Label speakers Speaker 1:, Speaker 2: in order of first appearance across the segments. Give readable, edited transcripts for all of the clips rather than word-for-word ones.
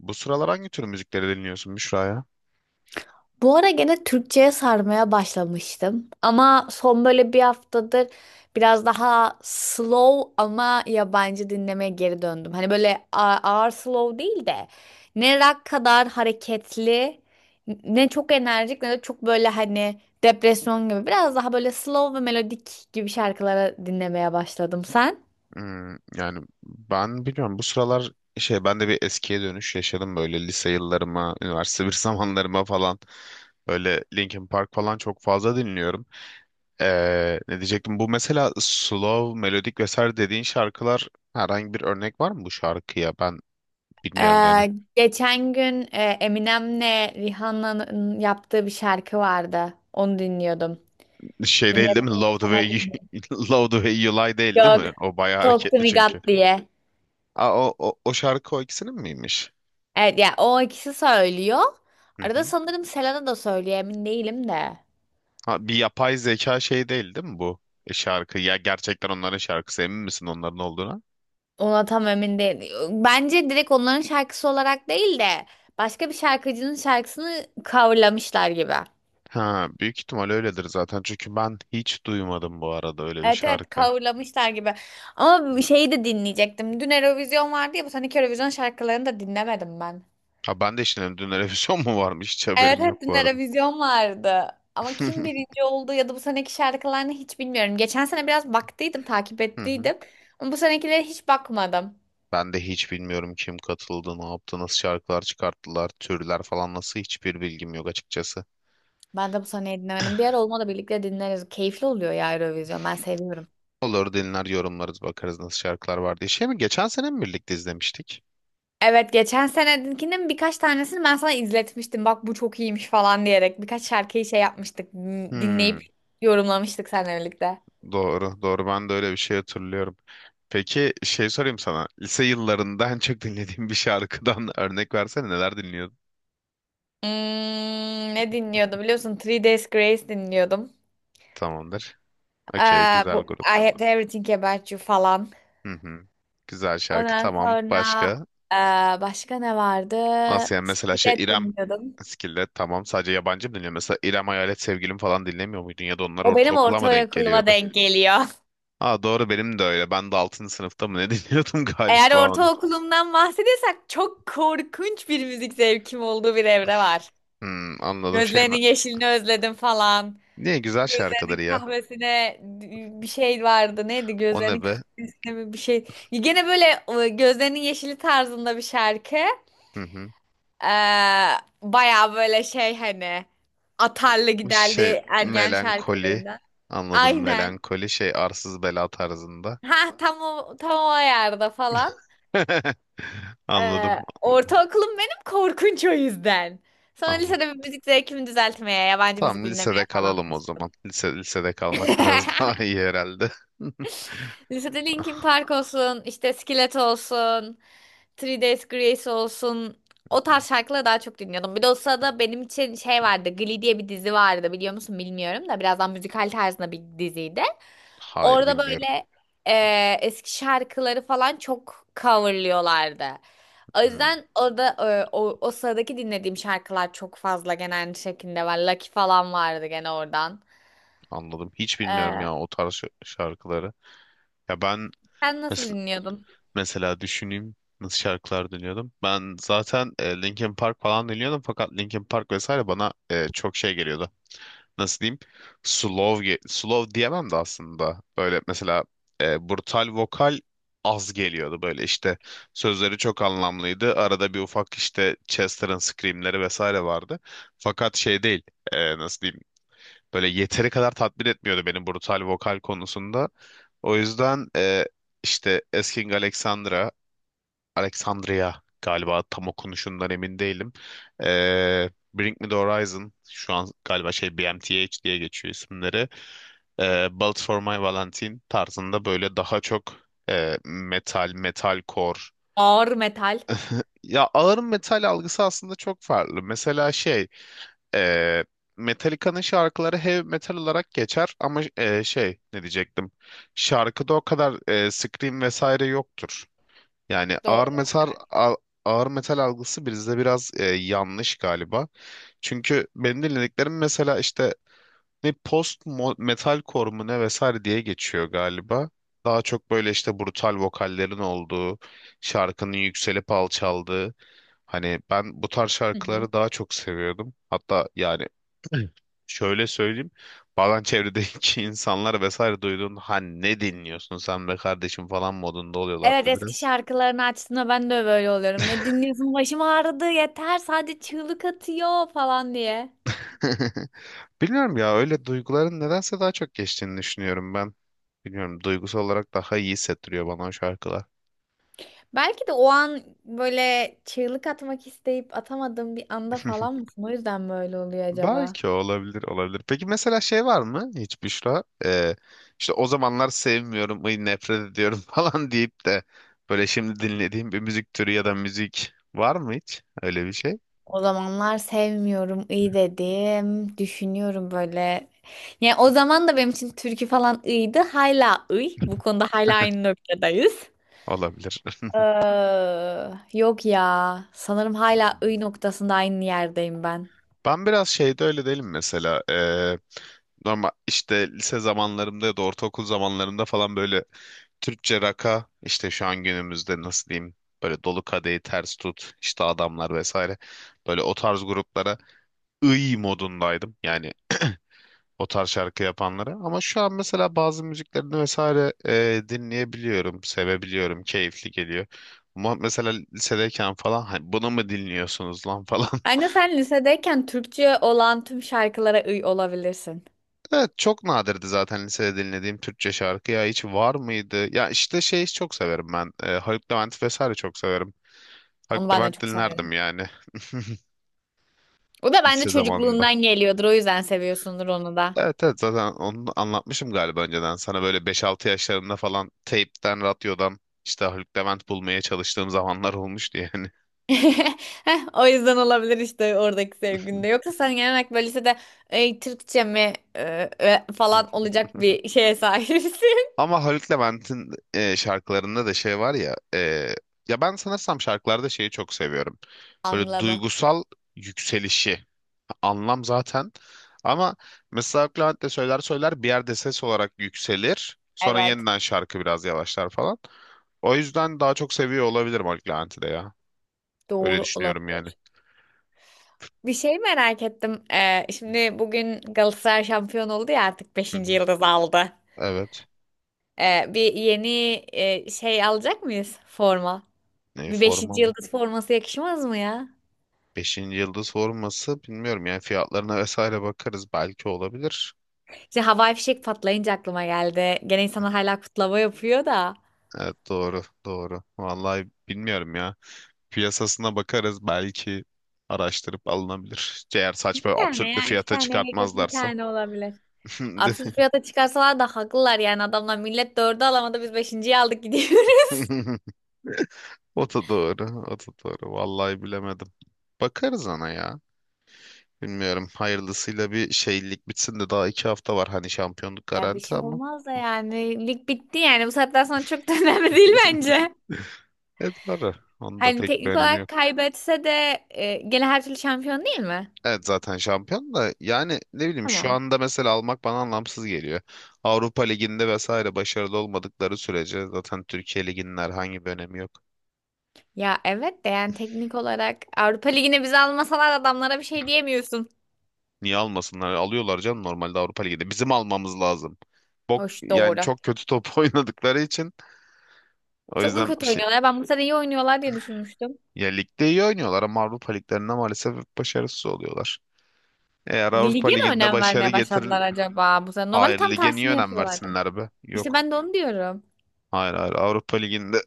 Speaker 1: Bu sıralar hangi tür müzikleri dinliyorsun Büşra ya?
Speaker 2: Bu ara gene Türkçe'ye sarmaya başlamıştım. Ama son böyle bir haftadır biraz daha slow ama yabancı dinlemeye geri döndüm. Hani böyle ağır slow değil de ne rock kadar hareketli, ne çok enerjik ne de çok böyle hani depresyon gibi. Biraz daha böyle slow ve melodik gibi şarkılara dinlemeye başladım. Sen?
Speaker 1: Yani ben bilmiyorum bu sıralar şey ben de bir eskiye dönüş yaşadım böyle lise yıllarıma, üniversite bir zamanlarıma falan. Böyle Linkin Park falan çok fazla dinliyorum. Ne diyecektim? Bu mesela slow, melodik vesaire dediğin şarkılar herhangi bir örnek var mı bu şarkıya? Ben bilmiyorum yani.
Speaker 2: Ee, Geçen gün Eminem'le Rihanna'nın yaptığı bir şarkı vardı. Onu dinliyordum.
Speaker 1: Şey değil değil mi?
Speaker 2: Dinlettim mi
Speaker 1: Love the
Speaker 2: sana
Speaker 1: way
Speaker 2: bilmiyorum.
Speaker 1: you, Love the way you lie değil değil
Speaker 2: Yok.
Speaker 1: mi? O bayağı
Speaker 2: Talk to
Speaker 1: hareketli
Speaker 2: me God
Speaker 1: çünkü.
Speaker 2: diye.
Speaker 1: Aa, o şarkı o ikisinin miymiş?
Speaker 2: Evet ya, o ikisi söylüyor.
Speaker 1: Hı
Speaker 2: Arada
Speaker 1: hı.
Speaker 2: sanırım Selena da söylüyor, emin değilim de.
Speaker 1: Ha, bir yapay zeka şey değil değil mi bu şarkı? Ya gerçekten onların şarkısı emin misin onların olduğuna?
Speaker 2: Ona tam emin değil. Bence direkt onların şarkısı olarak değil de başka bir şarkıcının şarkısını coverlamışlar gibi.
Speaker 1: Ha, büyük ihtimal öyledir zaten. Çünkü ben hiç duymadım bu arada öyle bir
Speaker 2: Evet, evet,
Speaker 1: şarkı.
Speaker 2: coverlamışlar gibi. Ama bir şeyi de dinleyecektim. Dün Eurovision vardı ya, bu seneki Eurovision şarkılarını da dinlemedim ben.
Speaker 1: Ha ben de şimdi dün televizyon mu varmış hiç
Speaker 2: Evet,
Speaker 1: haberim yok
Speaker 2: hep dün
Speaker 1: bu arada.
Speaker 2: Eurovision vardı. Ama kim birinci oldu ya da bu seneki şarkılarını hiç bilmiyorum. Geçen sene biraz baktıydım, takip
Speaker 1: Hı hı.
Speaker 2: ettiydim. Ama bu senekilere hiç bakmadım.
Speaker 1: Ben de hiç bilmiyorum kim katıldı, ne yaptı, nasıl şarkılar çıkarttılar, türler falan nasıl hiçbir bilgim yok açıkçası.
Speaker 2: Ben de bu seneyi dinlemedim. Bir ara olmadı birlikte dinleriz. Keyifli oluyor ya Eurovision. Ben seviyorum.
Speaker 1: Olur dinler yorumlarız bakarız nasıl şarkılar var diye. Şey mi geçen sene mi birlikte izlemiştik?
Speaker 2: Evet, geçen senekinin birkaç tanesini ben sana izletmiştim. Bak bu çok iyiymiş falan diyerek. Birkaç şarkıyı şey yapmıştık. Dinleyip
Speaker 1: Hmm.
Speaker 2: yorumlamıştık seninle birlikte.
Speaker 1: Doğru, doğru. Ben de öyle bir şey hatırlıyorum. Peki şey sorayım sana. Lise yıllarında en çok dinlediğin bir şarkıdan örnek versene neler dinliyordun?
Speaker 2: Hmm, Ne dinliyordum biliyorsun? Three Days Grace dinliyordum.
Speaker 1: Tamamdır. Okey,
Speaker 2: Ee, Bu
Speaker 1: güzel
Speaker 2: I
Speaker 1: grup.
Speaker 2: Had Everything About You falan.
Speaker 1: Hı hı. Güzel şarkı,
Speaker 2: Ondan
Speaker 1: tamam.
Speaker 2: sonra
Speaker 1: Başka?
Speaker 2: ee, başka ne vardı?
Speaker 1: Nasıl yani mesela şey
Speaker 2: Skillet
Speaker 1: İrem
Speaker 2: dinliyordum.
Speaker 1: Skillet tamam sadece yabancı mı dinliyor? Mesela İrem Hayalet Sevgilim falan dinlemiyor muydun ya da onlar
Speaker 2: O benim
Speaker 1: ortaokula mı denk
Speaker 2: ortaokuluma
Speaker 1: geliyordu?
Speaker 2: denk geliyor.
Speaker 1: Aa doğru benim de öyle. Ben de 6. sınıfta mı ne dinliyordum
Speaker 2: Eğer
Speaker 1: galiba onu.
Speaker 2: ortaokulumdan bahsediyorsak çok korkunç bir müzik zevkim olduğu bir evre var.
Speaker 1: Anladım şey mi?
Speaker 2: Gözlerinin yeşilini özledim falan.
Speaker 1: Niye güzel
Speaker 2: Gözlerinin
Speaker 1: şarkıları ya?
Speaker 2: kahvesine bir şey vardı. Neydi?
Speaker 1: O
Speaker 2: Gözlerinin
Speaker 1: ne be?
Speaker 2: kahvesine mi bir şey. Gene böyle gözlerinin yeşili tarzında bir şarkı.
Speaker 1: Hı hı.
Speaker 2: Ee, Bayağı böyle şey, hani atarlı giderli,
Speaker 1: Şey
Speaker 2: evet, ergen
Speaker 1: melankoli.
Speaker 2: şarkılarından.
Speaker 1: Anladım
Speaker 2: Aynen.
Speaker 1: melankoli şey arsız bela tarzında.
Speaker 2: Ha, tam o, tam o ayarda falan.
Speaker 1: Anladım. Anladım.
Speaker 2: Ortaokulum benim korkunç o yüzden. Sonra
Speaker 1: Anladım.
Speaker 2: lisede bir müzik zevkimi düzeltmeye, yabancı müzik
Speaker 1: Tamam
Speaker 2: dinlemeye
Speaker 1: lisede
Speaker 2: falan
Speaker 1: kalalım o
Speaker 2: başladım.
Speaker 1: zaman. Lisede kalmak biraz daha iyi herhalde.
Speaker 2: Lisede Linkin
Speaker 1: Ah,
Speaker 2: Park olsun, işte Skillet olsun, Three Days Grace olsun. O tarz şarkıları daha çok dinliyordum. Bir de o sırada benim için şey vardı. Glee diye bir dizi vardı, biliyor musun bilmiyorum da, birazdan müzikal tarzında bir diziydi.
Speaker 1: Hayır
Speaker 2: Orada
Speaker 1: bilmiyorum.
Speaker 2: böyle eski şarkıları falan çok coverlıyorlardı. O
Speaker 1: Hmm,
Speaker 2: yüzden orada o sıradaki dinlediğim şarkılar çok fazla genel şekilde var. Lucky falan vardı gene oradan.
Speaker 1: anladım. Hiç bilmiyorum
Speaker 2: Eee,
Speaker 1: ya o tarz şarkıları. Ya ben
Speaker 2: Sen nasıl
Speaker 1: mes-
Speaker 2: dinliyordun?
Speaker 1: mesela düşüneyim nasıl şarkılar dinliyordum. Ben zaten Linkin Park falan dinliyordum fakat Linkin Park vesaire bana çok şey geliyordu. Nasıl diyeyim slow slow diyemem de aslında böyle mesela brutal vokal az geliyordu böyle işte sözleri çok anlamlıydı arada bir ufak işte Chester'ın screamleri vesaire vardı fakat şey değil nasıl diyeyim böyle yeteri kadar tatmin etmiyordu beni brutal vokal konusunda o yüzden işte Asking Alexandra Alexandria galiba tam okunuşundan emin değilim. Bring Me The Horizon şu an galiba şey BMTH diye geçiyor isimleri. Bullet For My Valentine tarzında böyle daha çok metal, metalcore.
Speaker 2: Ağır metal.
Speaker 1: Ya ağır metal algısı aslında çok farklı. Mesela şey e, Metallica'nın şarkıları heavy metal olarak geçer ama şey ne diyecektim? Şarkıda o kadar scream vesaire yoktur. Yani
Speaker 2: Doğru.
Speaker 1: ağır metal algısı bizde biraz yanlış galiba. Çünkü benim dinlediklerim mesela işte ne metalcore mu ne vesaire diye geçiyor galiba. Daha çok böyle işte brutal vokallerin olduğu, şarkının yükselip alçaldığı. Hani ben bu tarz
Speaker 2: Hı hı.
Speaker 1: şarkıları daha çok seviyordum. Hatta yani şöyle söyleyeyim. Bazen çevredeki insanlar vesaire duyduğunda ha ne dinliyorsun sen be kardeşim falan modunda oluyorlardı
Speaker 2: Evet, eski
Speaker 1: biraz.
Speaker 2: şarkılarını açtığında ben de böyle oluyorum. Ne dinliyorsun? Başım ağrıdı yeter, sadece çığlık atıyor falan diye.
Speaker 1: Bilmiyorum ya öyle duyguların nedense daha çok geçtiğini düşünüyorum ben. Bilmiyorum duygusal olarak daha iyi hissettiriyor bana o şarkılar.
Speaker 2: Belki de o an böyle çığlık atmak isteyip atamadığım bir anda falan mısın? O yüzden böyle oluyor acaba.
Speaker 1: Belki olabilir olabilir. Peki mesela şey var mı hiç Büşra? İşte o zamanlar sevmiyorum, ay nefret ediyorum falan deyip de böyle şimdi dinlediğim bir müzik türü ya da müzik var mı hiç? Öyle bir şey
Speaker 2: O zamanlar sevmiyorum iyi dedim. Düşünüyorum böyle. Yani o zaman da benim için türkü falan iyiydi. Hala iyi. Bu konuda hala aynı noktadayız.
Speaker 1: olabilir.
Speaker 2: Ee, Yok ya. Sanırım hala iyi noktasında aynı yerdeyim ben.
Speaker 1: Ben biraz şeyde öyle değilim mesela. Normal işte lise zamanlarımda ya da ortaokul zamanlarımda falan böyle Türkçe raka işte şu an günümüzde nasıl diyeyim böyle dolu kadehi ters tut işte adamlar vesaire böyle o tarz gruplara ıy modundaydım yani o tarz şarkı yapanlara ama şu an mesela bazı müziklerini vesaire dinleyebiliyorum sevebiliyorum keyifli geliyor ama mesela lisedeyken falan hani bunu mu dinliyorsunuz lan falan.
Speaker 2: Bence sen lisedeyken Türkçe olan tüm şarkılara uy olabilirsin.
Speaker 1: Evet çok nadirdi zaten lisede dinlediğim Türkçe şarkı ya hiç var mıydı? Ya işte şey çok severim ben. Haluk Levent vesaire çok severim.
Speaker 2: Onu
Speaker 1: Haluk
Speaker 2: ben de
Speaker 1: Levent
Speaker 2: çok severim.
Speaker 1: dinlerdim yani
Speaker 2: O da bence
Speaker 1: lise zamanında.
Speaker 2: çocukluğundan geliyordur. O yüzden seviyorsundur onu da.
Speaker 1: Evet evet zaten onu anlatmışım galiba önceden. Sana böyle 5-6 yaşlarımda falan teypten, radyodan işte Haluk Levent bulmaya çalıştığım zamanlar olmuştu yani.
Speaker 2: Heh, o yüzden olabilir işte oradaki sevginde. Yoksa sen genel olarak böyle lisede "Ey, Türkçe mi e, e," falan olacak bir şeye sahipsin.
Speaker 1: Ama Haluk Levent'in şarkılarında da şey var ya ya ben sanırsam şarkılarda şeyi çok seviyorum. Böyle
Speaker 2: Anlamı.
Speaker 1: duygusal yükselişi. Anlam zaten. Ama mesela Clement de söyler söyler bir yerde ses olarak yükselir. Sonra
Speaker 2: Evet.
Speaker 1: yeniden şarkı biraz yavaşlar falan. O yüzden daha çok seviyor olabilirim Mark de ya. Öyle
Speaker 2: Doğru
Speaker 1: düşünüyorum yani.
Speaker 2: olabilir. Bir şey merak ettim. Şimdi bugün Galatasaray şampiyon oldu ya, artık
Speaker 1: Hı
Speaker 2: beşinci
Speaker 1: hı.
Speaker 2: yıldız aldı.
Speaker 1: Evet.
Speaker 2: Bir yeni şey alacak mıyız forma?
Speaker 1: Ne
Speaker 2: Bir
Speaker 1: forma
Speaker 2: beşinci
Speaker 1: mı?
Speaker 2: yıldız forması yakışmaz mı ya?
Speaker 1: Beşinci yıldız forması bilmiyorum yani fiyatlarına vesaire bakarız belki olabilir.
Speaker 2: İşte havai fişek patlayınca aklıma geldi. Gene insanlar hala kutlama yapıyor da.
Speaker 1: Evet doğru doğru. Vallahi bilmiyorum ya. Piyasasına bakarız belki araştırıp alınabilir. Eğer saçma
Speaker 2: Bir tane
Speaker 1: absürt bir
Speaker 2: ya iki
Speaker 1: fiyata
Speaker 2: tane gerek yok, bir
Speaker 1: çıkartmazlarsa.
Speaker 2: tane olabilir. Absürt fiyata çıkarsalar da haklılar yani, adamlar millet dördü alamadı, biz beşinciyi aldık gidiyoruz.
Speaker 1: O da doğru, o da doğru. Vallahi bilemedim. Bakarız ona ya. Bilmiyorum. Hayırlısıyla bir şeylik bitsin de daha 2 hafta var. Hani şampiyonluk
Speaker 2: Ya bir
Speaker 1: garanti
Speaker 2: şey
Speaker 1: ama.
Speaker 2: olmaz da, yani lig bitti yani bu saatten sonra çok da önemli değil bence.
Speaker 1: Evet doğru. Onun da
Speaker 2: Hani
Speaker 1: pek bir
Speaker 2: teknik
Speaker 1: önemi
Speaker 2: olarak
Speaker 1: yok.
Speaker 2: kaybetse de gene her türlü şampiyon değil mi?
Speaker 1: Evet zaten şampiyon da yani ne bileyim şu
Speaker 2: Tamam.
Speaker 1: anda mesela almak bana anlamsız geliyor. Avrupa Ligi'nde vesaire başarılı olmadıkları sürece zaten Türkiye Ligi'nin herhangi bir önemi yok.
Speaker 2: Ya evet de, yani teknik olarak Avrupa Ligi'ne bizi almasalar adamlara bir şey diyemiyorsun.
Speaker 1: Niye almasınlar? Alıyorlar canım normalde Avrupa liginde. Bizim almamız lazım. Bok
Speaker 2: Hoş,
Speaker 1: yani
Speaker 2: doğru.
Speaker 1: çok kötü top oynadıkları için o
Speaker 2: Çok mu
Speaker 1: yüzden bir
Speaker 2: kötü
Speaker 1: şey.
Speaker 2: oynuyorlar? Ben bu sene iyi oynuyorlar diye düşünmüştüm.
Speaker 1: Ya ligde iyi oynuyorlar ama Avrupa liglerinde maalesef hep başarısız oluyorlar. Eğer Avrupa
Speaker 2: Lige mi
Speaker 1: liginde
Speaker 2: önem
Speaker 1: başarı
Speaker 2: vermeye
Speaker 1: getirir,
Speaker 2: başladılar acaba bu sene? Normalde
Speaker 1: hayır
Speaker 2: tam
Speaker 1: lige niye
Speaker 2: tersini
Speaker 1: önem
Speaker 2: yapıyorlardı.
Speaker 1: versinler be?
Speaker 2: İşte
Speaker 1: Yok.
Speaker 2: ben de onu diyorum.
Speaker 1: Hayır hayır Avrupa liginde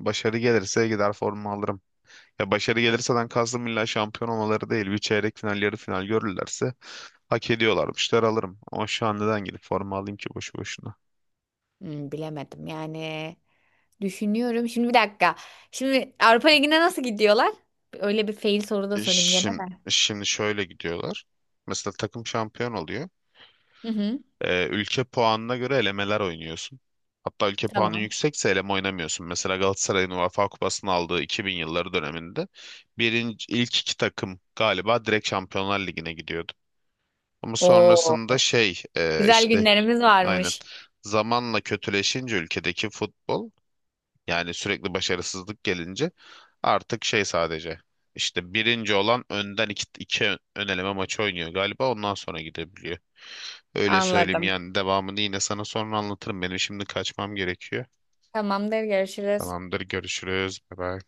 Speaker 1: başarı gelirse gider forma alırım. Ya başarı gelirseden kastım illa şampiyon olmaları değil. Bir çeyrek final, yarı final görürlerse hak ediyorlarmışlar alırım. Ama şu an neden gidip forma alayım ki boşu boşuna?
Speaker 2: Bilemedim yani. Düşünüyorum. Şimdi bir dakika. Şimdi Avrupa Ligi'ne nasıl gidiyorlar? Öyle bir fail soru da sorayım gene
Speaker 1: Şimdi,
Speaker 2: de.
Speaker 1: şimdi şöyle gidiyorlar. Mesela takım şampiyon oluyor.
Speaker 2: Hı hı.
Speaker 1: Ülke puanına göre elemeler oynuyorsun. Hatta ülke puanın
Speaker 2: Tamam.
Speaker 1: yüksekse eleme oynamıyorsun. Mesela Galatasaray'ın UEFA Kupası'nı aldığı 2000 yılları döneminde birinci, ilk iki takım galiba direkt Şampiyonlar Ligi'ne gidiyordu. Ama sonrasında
Speaker 2: Oo,
Speaker 1: şey
Speaker 2: güzel
Speaker 1: işte
Speaker 2: günlerimiz
Speaker 1: aynen
Speaker 2: varmış.
Speaker 1: zamanla kötüleşince ülkedeki futbol yani sürekli başarısızlık gelince artık şey sadece işte birinci olan önden iki ön eleme maçı oynuyor galiba ondan sonra gidebiliyor. Öyle söyleyeyim
Speaker 2: Anladım.
Speaker 1: yani devamını yine sana sonra anlatırım. Benim şimdi kaçmam gerekiyor.
Speaker 2: Tamamdır, görüşürüz.
Speaker 1: Tamamdır görüşürüz. Bye bye.